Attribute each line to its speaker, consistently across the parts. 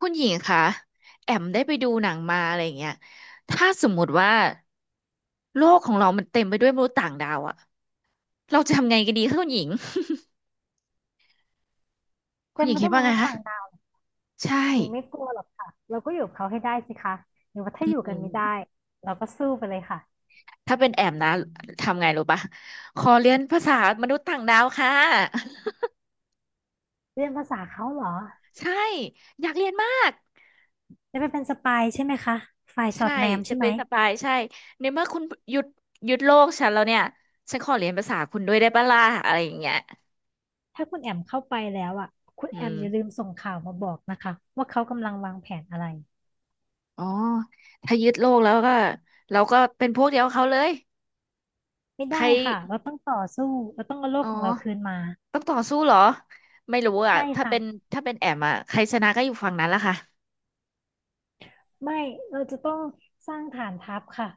Speaker 1: คุณหญิงคะแอมได้ไปดูหนังมาอะไรอย่างเงี้ยถ้าสมมุติว่าโลกของเรามันเต็มไปด้วยมนุษย์ต่างดาวอะเราจะทำไงกันดีคะคุณหญิง คุณ
Speaker 2: เต็
Speaker 1: ห
Speaker 2: ม
Speaker 1: ญิง
Speaker 2: ไป
Speaker 1: คิ
Speaker 2: ด้
Speaker 1: ด
Speaker 2: วยม
Speaker 1: ว่าไง
Speaker 2: นุษย์
Speaker 1: คะ
Speaker 2: ต่างดาวย
Speaker 1: ใช่
Speaker 2: ญิงไม่กลัวหรอกค่ะเราก็อยู่กับเขาให้ได้สิคะหรือว่าถ้า
Speaker 1: อื
Speaker 2: อยู่กันไม่ได้
Speaker 1: ม
Speaker 2: เราก็สู้ไปเลยค่ะ
Speaker 1: ถ้าเป็นแอมนะทำไงรู้ปะขอเรียนภาษามนุษย์ต่างดาวค่ะ
Speaker 2: เรียนภาษาเขาเหรอ
Speaker 1: ใช่อยากเรียนมาก
Speaker 2: จะไปเป็นสปายใช่ไหมคะฝ่ายสอ
Speaker 1: ใช่
Speaker 2: ดแนม
Speaker 1: จะ
Speaker 2: ใช่ไห
Speaker 1: เป็
Speaker 2: ม
Speaker 1: นสปายใช่ในเมื่อคุณหยุดหยุดโลกฉันแล้วเนี่ยฉันขอเรียนภาษาคุณด้วยได้ปะล่ะอะไรอย่างเงี้ย
Speaker 2: ถ้าคุณแอมเข้าไปแล้วอ่ะคุณ
Speaker 1: อื
Speaker 2: แอมอย่าลืม
Speaker 1: ม
Speaker 2: ส่งข่าวมาบอกนะคะว่าเขากำลังวางแผนอะไร
Speaker 1: อ๋อถ้ายึดโลกแล้วก็เราก็เป็นพวกเดียวกับเขาเลย
Speaker 2: ไม่
Speaker 1: ใคร
Speaker 2: ได้ค่ะเราต้องต่อสู้เราต้องเอาโล
Speaker 1: อ๋
Speaker 2: ก
Speaker 1: อ
Speaker 2: ของเราคืนมา
Speaker 1: ต้องต่อสู้เหรอไม่รู้อ่ะ
Speaker 2: ใช่ค่ะ
Speaker 1: ถ้าเป็นแอมอ่ะใครชนะก็อยู่ฝั่งนั้นละค่ะ
Speaker 2: ไม่เราจะต้องสร้างฐานทัพค่ะ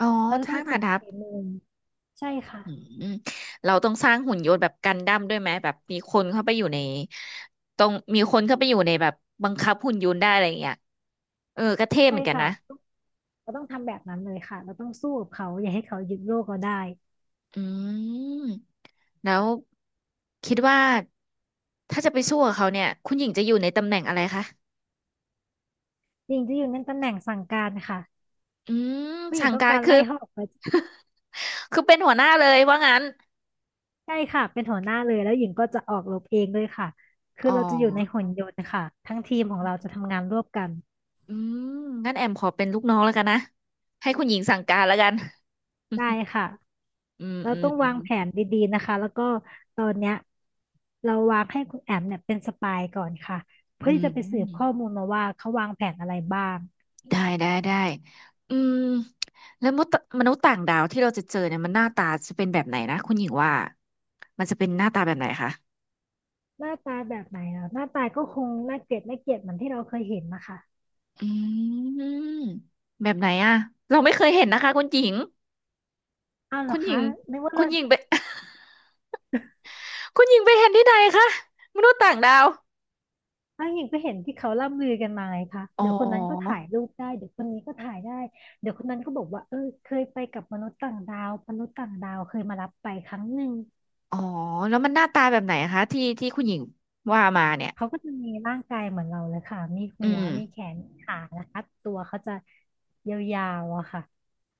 Speaker 1: อ๋อ
Speaker 2: เราจะต้
Speaker 1: ทา
Speaker 2: อง
Speaker 1: ง
Speaker 2: ฝึ
Speaker 1: ผ่าน
Speaker 2: ก
Speaker 1: ทัพ
Speaker 2: ฝีมือใช่ค่ะ
Speaker 1: อืมเราต้องสร้างหุ่นยนต์แบบกันดั้มด้วยไหมแบบมีคนเข้าไปอยู่ในต้องมีคนเข้าไปอยู่ในแบบบังคับหุ่นยนต์ได้อะไรอย่างเงี้ยเออก็เท่เห
Speaker 2: ใช่
Speaker 1: มือนกัน
Speaker 2: ค่ะ
Speaker 1: นะ
Speaker 2: เราต้องทำแบบนั้นเลยค่ะ เราต้องสู้กับเขาอย่าให้เขายึดโลกเราได้
Speaker 1: อืมแล้วคิดว่าถ้าจะไปสู้กับเขาเนี่ยคุณหญิงจะอยู่ในตำแหน่งอะไรคะ
Speaker 2: หญิงจะอยู่ในตำแหน่งสั่งการค่ะ
Speaker 1: อืม
Speaker 2: ผู้หญิง
Speaker 1: สั่ง
Speaker 2: ต้อง
Speaker 1: การ
Speaker 2: การ
Speaker 1: คื
Speaker 2: ไล่
Speaker 1: อ
Speaker 2: เขาออกไป
Speaker 1: คือเป็นหัวหน้าเลยว่างั้น
Speaker 2: ใช่ค่ะเป็นหัวหน้าเลยแล้วหญิงก็จะออกรบเองด้วยค่ะคือ
Speaker 1: อ๋อ
Speaker 2: เราจะอยู่ในหุ่นยนต์ค่ะทั้งทีมของเราจะทำงานร่วมกัน
Speaker 1: อืมงั้นแอมขอเป็นลูกน้องแล้วกันนะให้คุณหญิงสั่งการแล้วกัน
Speaker 2: ได้ ค่ะ
Speaker 1: อืม
Speaker 2: เรา
Speaker 1: อืม
Speaker 2: ต้อง
Speaker 1: อื
Speaker 2: วาง
Speaker 1: ม
Speaker 2: แผนดีๆนะคะแล้วก็ตอนเนี้ยเราวางให้คุณแอมเนี่ยเป็นสปายก่อนค่ะ
Speaker 1: อื
Speaker 2: เพื่อที่
Speaker 1: ม
Speaker 2: จะไป
Speaker 1: อื
Speaker 2: สื
Speaker 1: ม
Speaker 2: บข้อมูลมาว่าเขาวางแผนอะไรบ้าง
Speaker 1: ได้ได้ได้อืมแล้วมนุษย์ต่างดาวที่เราจะเจอเนี่ยมันหน้าตาจะเป็นแบบไหนนะคุณหญิงว่ามันจะเป็นหน้าตาแบบไหนคะ
Speaker 2: หน้าตาแบบไหนเหรอหน้าตาก็คงน่าเกลียดเหมือนที่เราเคยเห็นนะคะ
Speaker 1: อืมแบบไหนอะเราไม่เคยเห็นนะคะคุณหญิง
Speaker 2: อ้าวเหร
Speaker 1: คุ
Speaker 2: อ
Speaker 1: ณหญิ
Speaker 2: คะ
Speaker 1: ง
Speaker 2: นึกว่า
Speaker 1: คุ
Speaker 2: เลิ
Speaker 1: ณ
Speaker 2: ศ
Speaker 1: หญิงไป คุณหญิงไปเห็นที่ไหนคะมนุษย์ต่างดาว
Speaker 2: อ้าวหญิงก็เห็นที่เขาล่ำลือกันมาไงคะ
Speaker 1: อ๋
Speaker 2: เดี๋ยวคนนั้นก็
Speaker 1: อ
Speaker 2: ถ่ายรูปได้เดี๋ยวคนนี้ก็ถ่ายได้เดี๋ยวคนนั้นก็บอกว่าเออเคยไปกับมนุษย์ต่างดาวมนุษย์ต่างดาวเคยมารับไปครั้งหนึ่ง
Speaker 1: อ๋อแล้วมันหน้าตาแบบไหนคะที่คุณหญิงว่ามาเนี่ย
Speaker 2: เขาก็จะมีร่างกายเหมือนเราเลยค่ะมี
Speaker 1: อื
Speaker 2: หัว
Speaker 1: ม
Speaker 2: มีแขนมีขานะคะตัวเขาจะยาวๆอะค่ะ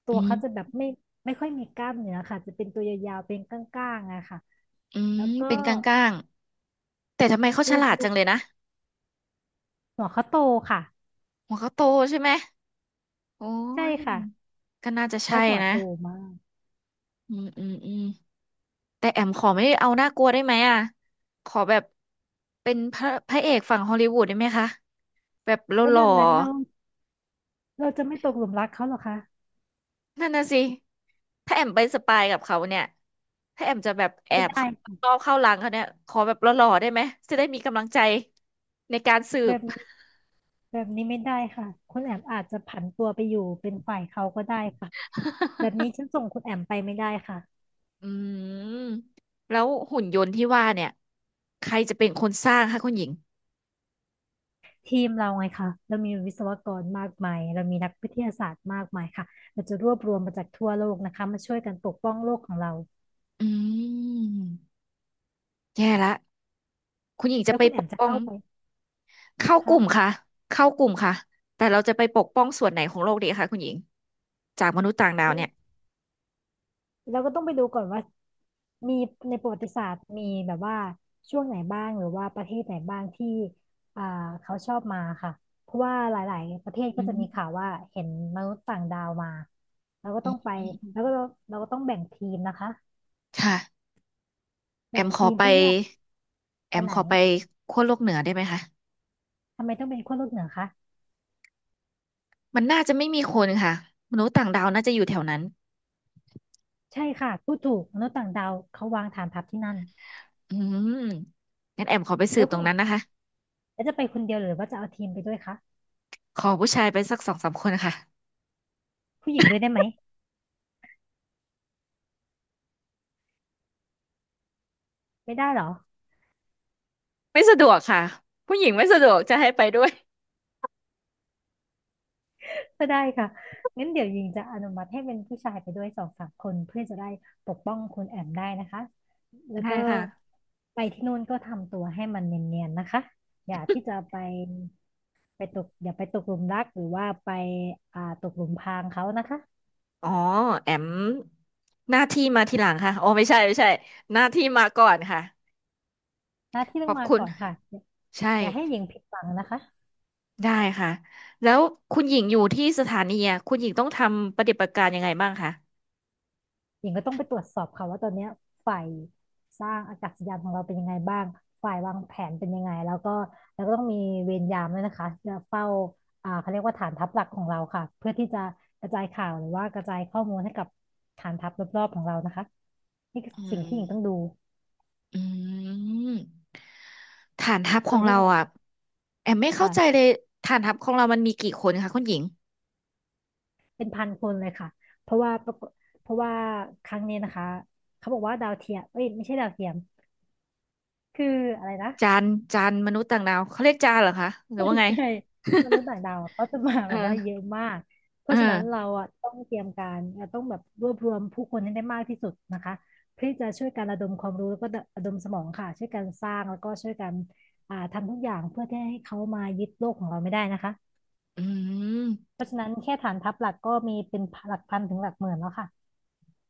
Speaker 2: ตั
Speaker 1: อื
Speaker 2: วเขา
Speaker 1: ม
Speaker 2: จะแบบไม่ค่อยมีกล้ามเนื้อค่ะจะเป็นตัวยาวๆเป็นก้างๆอะค่ะ
Speaker 1: อืม
Speaker 2: แล้วก็
Speaker 1: เป็นกลางๆแต่ทำไมเขาฉ
Speaker 2: ดู
Speaker 1: ลาด
Speaker 2: ดู
Speaker 1: จังเลยนะ
Speaker 2: หัวเขาโตค่ะ
Speaker 1: หัวเขาโตใช่ไหมโอ้
Speaker 2: ใช่
Speaker 1: ย
Speaker 2: ค่ะ
Speaker 1: ก็น่าจะใช่
Speaker 2: เขาหัว
Speaker 1: นะ
Speaker 2: โตมาก
Speaker 1: อืมอืมอืมแต่แอมขอไม่เอาน่ากลัวได้ไหมอ่ะขอแบบเป็นพระเอกฝั่งฮอลลีวูดได้ไหมคะแบบหล
Speaker 2: แล้วแบ
Speaker 1: ่อ
Speaker 2: บนั้นเรา
Speaker 1: ๆ
Speaker 2: เราจะไม่ตกหลุมรักเขาเหรอคะ
Speaker 1: นั่นน่ะสิ ถ้าแอมไปสปายกับเขาเนี่ยถ้าแอมจะแบบแอ
Speaker 2: ไม่
Speaker 1: บ
Speaker 2: ได้
Speaker 1: เข้า
Speaker 2: ค่ะ
Speaker 1: เข้าหลังเขาเนี่ยขอแบบหล่อๆได้ไหม จะได้มีกำลังใจในการสื
Speaker 2: แบ
Speaker 1: บ
Speaker 2: บนี้แบบนี้ไม่ได้ค่ะคุณแอมอาจจะผันตัวไปอยู่เป็นฝ่ายเขาก็ได้ค่ะแบบนี้ฉันส่งคุณแอมไปไม่ได้ค่ะ
Speaker 1: อืมแล้วหุ่นยนต์ที่ว่าเนี่ยใครจะเป็นคนสร้างคะคุณหญิง
Speaker 2: ทีมเราไงคะเรามีวิศวกรมากมายเรามีนักวิทยาศาสตร์มากมายค่ะเราจะรวบรวมมาจากทั่วโลกนะคะมาช่วยกันปกป้องโลกของเรา
Speaker 1: อืม แย่ละ คุณหญิงจะ
Speaker 2: แล้ว
Speaker 1: ไป
Speaker 2: คุณ
Speaker 1: ป
Speaker 2: แอม
Speaker 1: ก
Speaker 2: จะ
Speaker 1: ป้อง
Speaker 2: เข้าไป
Speaker 1: เข้ากลุ่
Speaker 2: คะ
Speaker 1: มค่ะเข้ากลุ่มค่ะ แต่เราจะไปปกป้องส่วนไหนของโลกดีคะคุณหญิงจากมนุษย์ต่างดาวเนี่ย
Speaker 2: เราก็ต้องไปดูก่อนว่ามีในประวัติศาสตร์มีแบบว่าช่วงไหนบ้างหรือว่าประเทศไหนบ้างที่อ่าเขาชอบมาค่ะเพราะว่าหลายๆประเทศก็
Speaker 1: อื
Speaker 2: จะมี
Speaker 1: ม
Speaker 2: ข่าวว่าเห็นมนุษย์ต่างดาวมาเราก็
Speaker 1: อื
Speaker 2: ต้อ
Speaker 1: ม
Speaker 2: งไป
Speaker 1: อืม
Speaker 2: แล้วก็เราก็ต้องแบ่งทีมนะคะ
Speaker 1: ค่ะ แอ
Speaker 2: แบ่ง
Speaker 1: มขอ
Speaker 2: ทีม
Speaker 1: ไป
Speaker 2: เพื่อที่จะ
Speaker 1: แอ
Speaker 2: ไป
Speaker 1: ม
Speaker 2: ไหน
Speaker 1: ขอไปขั้วโลกเหนือได้ไหมคะ
Speaker 2: ทำไมต้องเป็นขั้วโลกเหนือคะ
Speaker 1: มันน่าจะไม่มีคนค่ะมนุษย์ต่างดาวน่าจะอยู่แถวนั้น
Speaker 2: ใช่ค่ะพูดถูกมนุษย์ต่างดาวเขาวางฐานทัพที่นั่น
Speaker 1: อืมงั้นแอมขอไปสื
Speaker 2: แล้
Speaker 1: บ
Speaker 2: ว
Speaker 1: ต
Speaker 2: คุ
Speaker 1: ร
Speaker 2: ณ
Speaker 1: งนั้
Speaker 2: อ่ะ
Speaker 1: นนะคะ
Speaker 2: แล้วจะไปคนเดียวหรือว่าจะเอาทีมไปด้วยคะ
Speaker 1: ขอผู้ชายไปสักสองสามคนค่ะ
Speaker 2: ผู้หญิงด้วยได้ไหมไม่ได้เหรอ
Speaker 1: ไม่สะดวกค่ะ ผู้หญิงไม่สะดวกจะให้ไปด้วย
Speaker 2: ก็ได้ค่ะงั้นเดี๋ยวยิงจะอนุมัติให้เป็นผู้ชายไปด้วยสองสามคนเพื่อจะได้ปกป้องคุณแอมได้นะคะ แล้ว
Speaker 1: ได้
Speaker 2: ก็
Speaker 1: ค่ะ
Speaker 2: ไปที่นู่นก็ทำตัวให้มันเนียนๆนะคะ อย่าที่จะไปไปตกอย่าไปตกหลุมรักหรือว่าไปตกหลุมพรางเขานะคะ
Speaker 1: อ๋อแอมหน้าที่มาทีหลังค่ะโอ้ไม่ใช่ไม่ใช่หน้าที่มาก่อนค่ะ
Speaker 2: หน้าที่
Speaker 1: ข
Speaker 2: ต้อ
Speaker 1: อ
Speaker 2: ง
Speaker 1: บ
Speaker 2: มา
Speaker 1: คุณ
Speaker 2: ก่อนค่ะ
Speaker 1: ใช่
Speaker 2: อย่าให้หญิงผิดหวังนะคะ
Speaker 1: ได้ค่ะ แล้วคุณหญิงอยู่ที่สถานีอะคุณหญิงต้องทำปฏิบัติการยังไงบ้างคะ
Speaker 2: หญิงก็ต้องไปตรวจสอบค่ะว่าตอนเนี้ยฝ่ายสร้างอากาศยานของเราเป็นยังไงบ้างฝ่ายวางแผนเป็นยังไงแล้วก็ต้องมีเวรยามด้วยนะคะจะเฝ้าเขาเรียกว่าฐานทัพหลักของเราค่ะเพื่อที่จะกระจายข่าวหรือว่ากระจายข้อมูลให้กับฐานทัพรอบๆของเรานะคะนี่คือ
Speaker 1: อื
Speaker 2: สิ่ง
Speaker 1: ม
Speaker 2: ที่หญิงต้องดู
Speaker 1: อืมฐานทัพข
Speaker 2: ส่
Speaker 1: อ
Speaker 2: วน
Speaker 1: ง
Speaker 2: คุณ
Speaker 1: เรา
Speaker 2: แอน
Speaker 1: อ่ะแอมไม่เข้าใจเล
Speaker 2: อ่า
Speaker 1: ยฐานทัพของเรามันมีกี่คนคะคุณหญิง
Speaker 2: เป็นพันคนเลยค่ะเพราะว่าครั้งนี้นะคะเขาบอกว่าดาวเทียมเอ้ยไม่ใช่ดาวเทียมคืออะไรนะ
Speaker 1: จานจานมนุษย์ต่างดาวเขาเรียกจานเหรอคะหรือว่าไง
Speaker 2: ใช่มนุษย์ต่างดาวอะเขาจะมา
Speaker 1: เอ
Speaker 2: แบ
Speaker 1: อ
Speaker 2: บว่าเยอะมากเพ
Speaker 1: เอ
Speaker 2: ราะฉะนั้นเรา
Speaker 1: อ
Speaker 2: อ่ะต้องเตรียมการเราต้องแบบรวบรวมผู้คนให้ได้มากที่สุดนะคะเพื่อที่จะช่วยกันระดมความรู้แล้วก็ระดมสมองค่ะช่วยกันสร้างแล้วก็ช่วยกันทำทุกอย่างเพื่อที่ให้เขามายึดโลกของเราไม่ได้นะคะ
Speaker 1: อืม
Speaker 2: เพราะฉะนั้นแค่ฐานทัพหลักก็มีเป็นหลักพันถึงหลักหมื่นแล้วค่ะ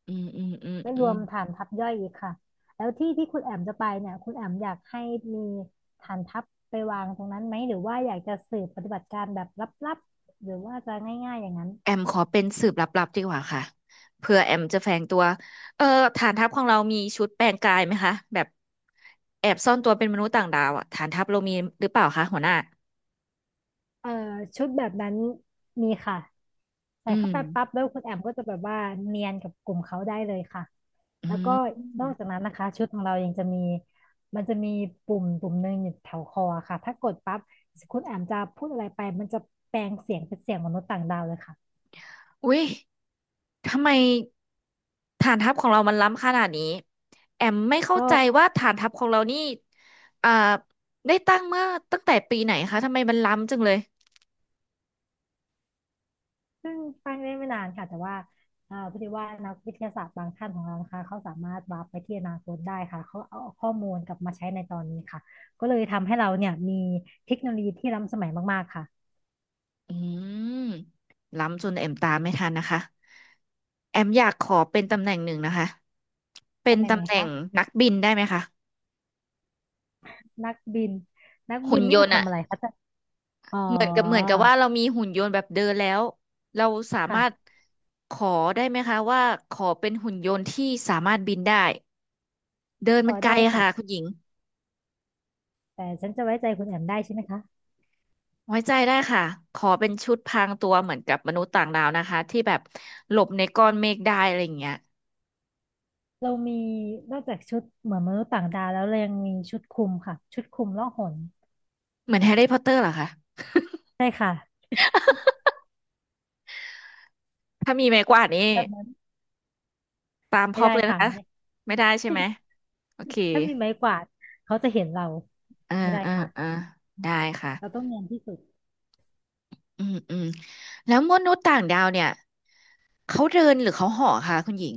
Speaker 1: อืมอืมอืม
Speaker 2: ไม่
Speaker 1: อื
Speaker 2: ร
Speaker 1: ม
Speaker 2: วมฐานทัพย่อยอีกค่ะแล้วที่ที่คุณแอมจะไปเนี่ยคุณแอมอยากให้มีฐานทัพไปวางตรงนั้นไหมหรือว่าอยากจะสืบปฏิบัติการแบบลับๆหรือว่าจะง่ายๆอย่างนั้น
Speaker 1: แอมขอเป็นสืบลับๆดีกว่าค่ะเผื่อแอมจะแฝงตัวเออฐานทัพของเรามีชุดแปลงกายไหมคะแบบแอบซ่อนตัวเป็นมนุษย์ต่างดาวอ่ะฐานทัพเรามีหรือเปล่าคะหัวหน้า
Speaker 2: เอ่อชุดแบบนั้นมีค่ะใส่
Speaker 1: อืม
Speaker 2: เข้าไปปั๊บแล้วคุณแอมก็จะแบบว่าเนียนกับกลุ่มเขาได้เลยค่ะ
Speaker 1: อื
Speaker 2: แล้วก็นอกจา
Speaker 1: ม
Speaker 2: กนั้นนะคะชุดของเรายังจะมีมันจะมีปุ่มหนึ่งอยู่แถวคอค่ะถ้ากดปั๊บคุณแอมจะพูดอะไรไปมันจะแปลงเสียงเป็นเสียงมนุษย์ต่างดาวเลยค่ะ
Speaker 1: อุ้ยทำไม ฐานทัพของเรามันล้ำขนาดนี้แอมไม่เข้า
Speaker 2: ก็
Speaker 1: ใจว่าฐานทัพของเรานี่อ่าได้ตั้งเมื่อตั้งแต่ปีไหนคะทำไมมันล้ำจังเลย
Speaker 2: เพิ่งตั้งได้ไม่นานค่ะแต่ว่าพอดีว่านักวิทยาศาสตร์บางท่านของเรานะคะเขาสามารถวาร์ปไปที่อนาคตได้ค่ะเขาเอาข้อมูลกลับมาใช้ในตอนนี้ค่ะก็เลยทำให้เราเนี่ยมีเทคโนโลยีที่ล้ำสมัยมากๆค่ะ
Speaker 1: อืมล้ำจนแอมตามไม่ทันนะคะแอมอยากขอเป็นตำแหน่งหนึ่งนะคะเป็น
Speaker 2: ตำแหน่งไห
Speaker 1: ตำ
Speaker 2: น
Speaker 1: แหน่ง
Speaker 2: คะ
Speaker 1: นักบินได้ไหมคะ
Speaker 2: นักบินนักบิ
Speaker 1: หุ่
Speaker 2: น
Speaker 1: นย
Speaker 2: นี่จะ
Speaker 1: นต์อะ
Speaker 2: ทำอะไรคะจะอ๋อ
Speaker 1: เหมือนกับว่าเรามีหุ่นยนต์แบบเดินแล้วเราสามารถ
Speaker 2: ค่ะ
Speaker 1: ขอได้ไหมคะว่าขอเป็นหุ่นยนต์ที่สามารถบินได้เดิน
Speaker 2: ข
Speaker 1: มั
Speaker 2: อ
Speaker 1: นไกล
Speaker 2: ได้
Speaker 1: อะ
Speaker 2: ค่ะ
Speaker 1: ค่ะคุณหญิง
Speaker 2: แต่ฉันจะไว้ใจคุณแอมได้ใช่ไหมคะ
Speaker 1: ไว้ใจได้ค่ะขอเป็นชุดพรางตัวเหมือนกับมนุษย์ต่างดาวนะคะที่แบบหลบในก้อนเมฆได้อะไรอย่างเงี้ย
Speaker 2: เรามีนอกจากชุดเหมือนมนุษย์ต่างดาวแล้วเรายังมีชุดคลุมค่ะชุดคลุมล่องหน
Speaker 1: เหมือนแฮร์รี่พอตเตอร์เหรอคะ
Speaker 2: ใช่ค่ะ
Speaker 1: ถ้ามีไม้กวาดนี่
Speaker 2: แบบนั้น
Speaker 1: ตามพ
Speaker 2: ไม่
Speaker 1: ร็อพ
Speaker 2: ได้
Speaker 1: เลยนะ
Speaker 2: ค่ะ
Speaker 1: คะไม่ได้ใช่ไหมโอเค
Speaker 2: ถ้ามีไม้กวาดเขาจะเห็นเรา
Speaker 1: เออ
Speaker 2: ไม่ได้
Speaker 1: เออเออ
Speaker 2: ค่ะ
Speaker 1: ได้ค่ะ
Speaker 2: เราต้องเนียนที่สุด
Speaker 1: อืมอืมแล้วมนุษย์ต่างดาวเนี่ยเขาเดินหรือเขาเห่อคะคุณหญิง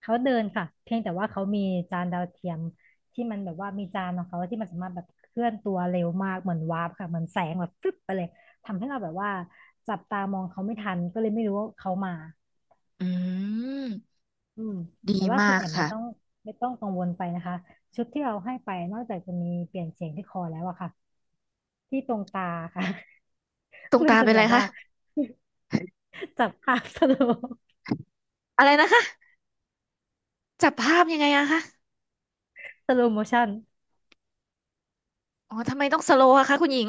Speaker 2: เขาเดินค่ะเพียงแต่ว่าเขามีจานดาวเทียมที่มันแบบว่ามีจานของเขาที่มันสามารถแบบเคลื่อนตัวเร็วมากเหมือนวาร์ปค่ะเหมือนแสงแบบฟึบไปเลย ทำให้เราแบบว่าจับตามองเขาไม่ทันก็เลยไม่รู้ว่าเขามา
Speaker 1: อืม
Speaker 2: อืม
Speaker 1: ดี
Speaker 2: แต่ว่า
Speaker 1: มา
Speaker 2: คุณ
Speaker 1: ก
Speaker 2: แอมไม่
Speaker 1: ค่ะ
Speaker 2: ต้องกังวลไปนะคะ ชุดที่เราให้ไปนอกจากจะมีเปลี่ยนเสียงที่คอแล้วอะค่ะ ที่ตรงตาค่ะ
Speaker 1: ตรง
Speaker 2: มัน
Speaker 1: ตา
Speaker 2: จะ
Speaker 1: เป็น
Speaker 2: แบ
Speaker 1: ไร
Speaker 2: บว่า
Speaker 1: คะ
Speaker 2: จับภาพสโล
Speaker 1: อะไรนะคะจับภาพยังไงอะคะ
Speaker 2: สโลโมชัน
Speaker 1: อ๋อทำไมต้องสโลว์อะคะคุณหญิง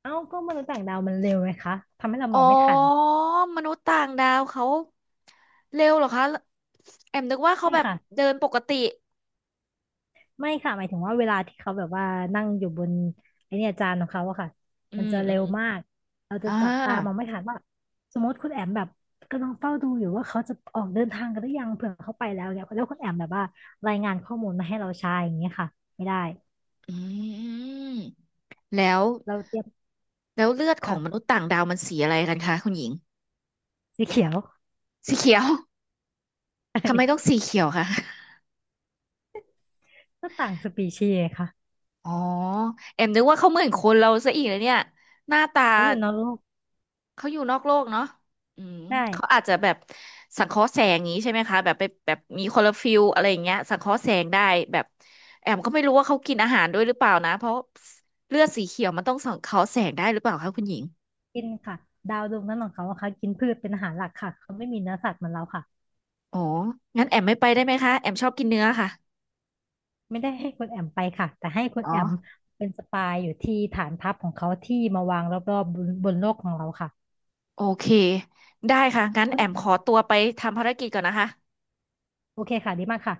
Speaker 2: เอ้าก็มนุษย์ต่างดาวมันเร็วไหมคะทำให้เราม
Speaker 1: อ๋อ
Speaker 2: องไม่ทัน
Speaker 1: มนุษย์ต่างดาวเขาเร็วเหรอคะแอมนึกว่าเขา
Speaker 2: ไม่
Speaker 1: แบบ
Speaker 2: ค่ะ
Speaker 1: เดินปกติ
Speaker 2: ไม่ค่ะหมายถึงว่าเวลาที่เขาแบบว่านั่งอยู่บนไอเนี่ยจานของเขาอะค่ะ
Speaker 1: อื
Speaker 2: มัน
Speaker 1: ม
Speaker 2: จะ
Speaker 1: อื
Speaker 2: เร็
Speaker 1: ม
Speaker 2: วมากเราจะ
Speaker 1: อ่า
Speaker 2: จับตามองไม่ทันว่าสมมติคุณแอมแบบกำลังเฝ้าดูอยู่ว่าเขาจะออกเดินทางกันหรือยังเผื่อเขาไปแล้วเนี่ยแล้วคุณแอมแบบว่ารายงานข้อมูลมาให้เราใช้อย่างเงี้ยค่ะไม่ได้
Speaker 1: อืมแล้ว
Speaker 2: เราเตรียม
Speaker 1: เลือดของมนุษ
Speaker 2: ค่ะ
Speaker 1: ย์ต่างดาวมันสีอะไรกันคะคุณหญิง
Speaker 2: สีเขียว
Speaker 1: สีเขียวทำไมต้องสี เขียวคะ
Speaker 2: ก็ต่างสปีชีส์ไงค่ะ
Speaker 1: อ๋อแอมนึกว่าเขาเหมือนคนเราซะอีกเลยเนี่ยหน้าตา
Speaker 2: เราอยู่นอกโลก
Speaker 1: เขาอยู่นอกโลกเนาะอืม
Speaker 2: ได้
Speaker 1: เขาอาจจะแบบสังเคราะห์แสงอย่างนี้ใช่ไหมคะแบบไปแบบมีคลอโรฟิลอะไรอย่างเงี้ยสังเคราะห์แสงได้แบบแอมก็ไม่รู้ว่าเขากินอาหารด้วยหรือเปล่านะเพราะเลือดสีเขียวมันต้องสังเคราะห์แสงได้หรือเปล่าคะคุณหญิง
Speaker 2: กินค่ะดาวดวงนั้นของเขาอะค่ะกินพืชเป็นอาหารหลักค่ะเขาไม่มีเนื้อสัตว์เหมือนเราค่ะ
Speaker 1: อ๋องั้นแอมไม่ไปได้ไหมคะแอมชอบกินเนื้อค่ะ
Speaker 2: ไม่ได้ให้คุณแอมไปค่ะแต่ให้คุณ
Speaker 1: อ๋อ
Speaker 2: แอมเป็นสปายอยู่ที่ฐานทัพของเขาที่มาวางรอบๆบนบนโลกของเราค่ะ
Speaker 1: โอเคได้ค่ะงั้น
Speaker 2: คุ
Speaker 1: แอ
Speaker 2: ณ
Speaker 1: ม
Speaker 2: แอ
Speaker 1: ข
Speaker 2: ม
Speaker 1: อตัวไปทำภารกิจก่อนนะคะ
Speaker 2: โอเคค่ะดีมากค่ะ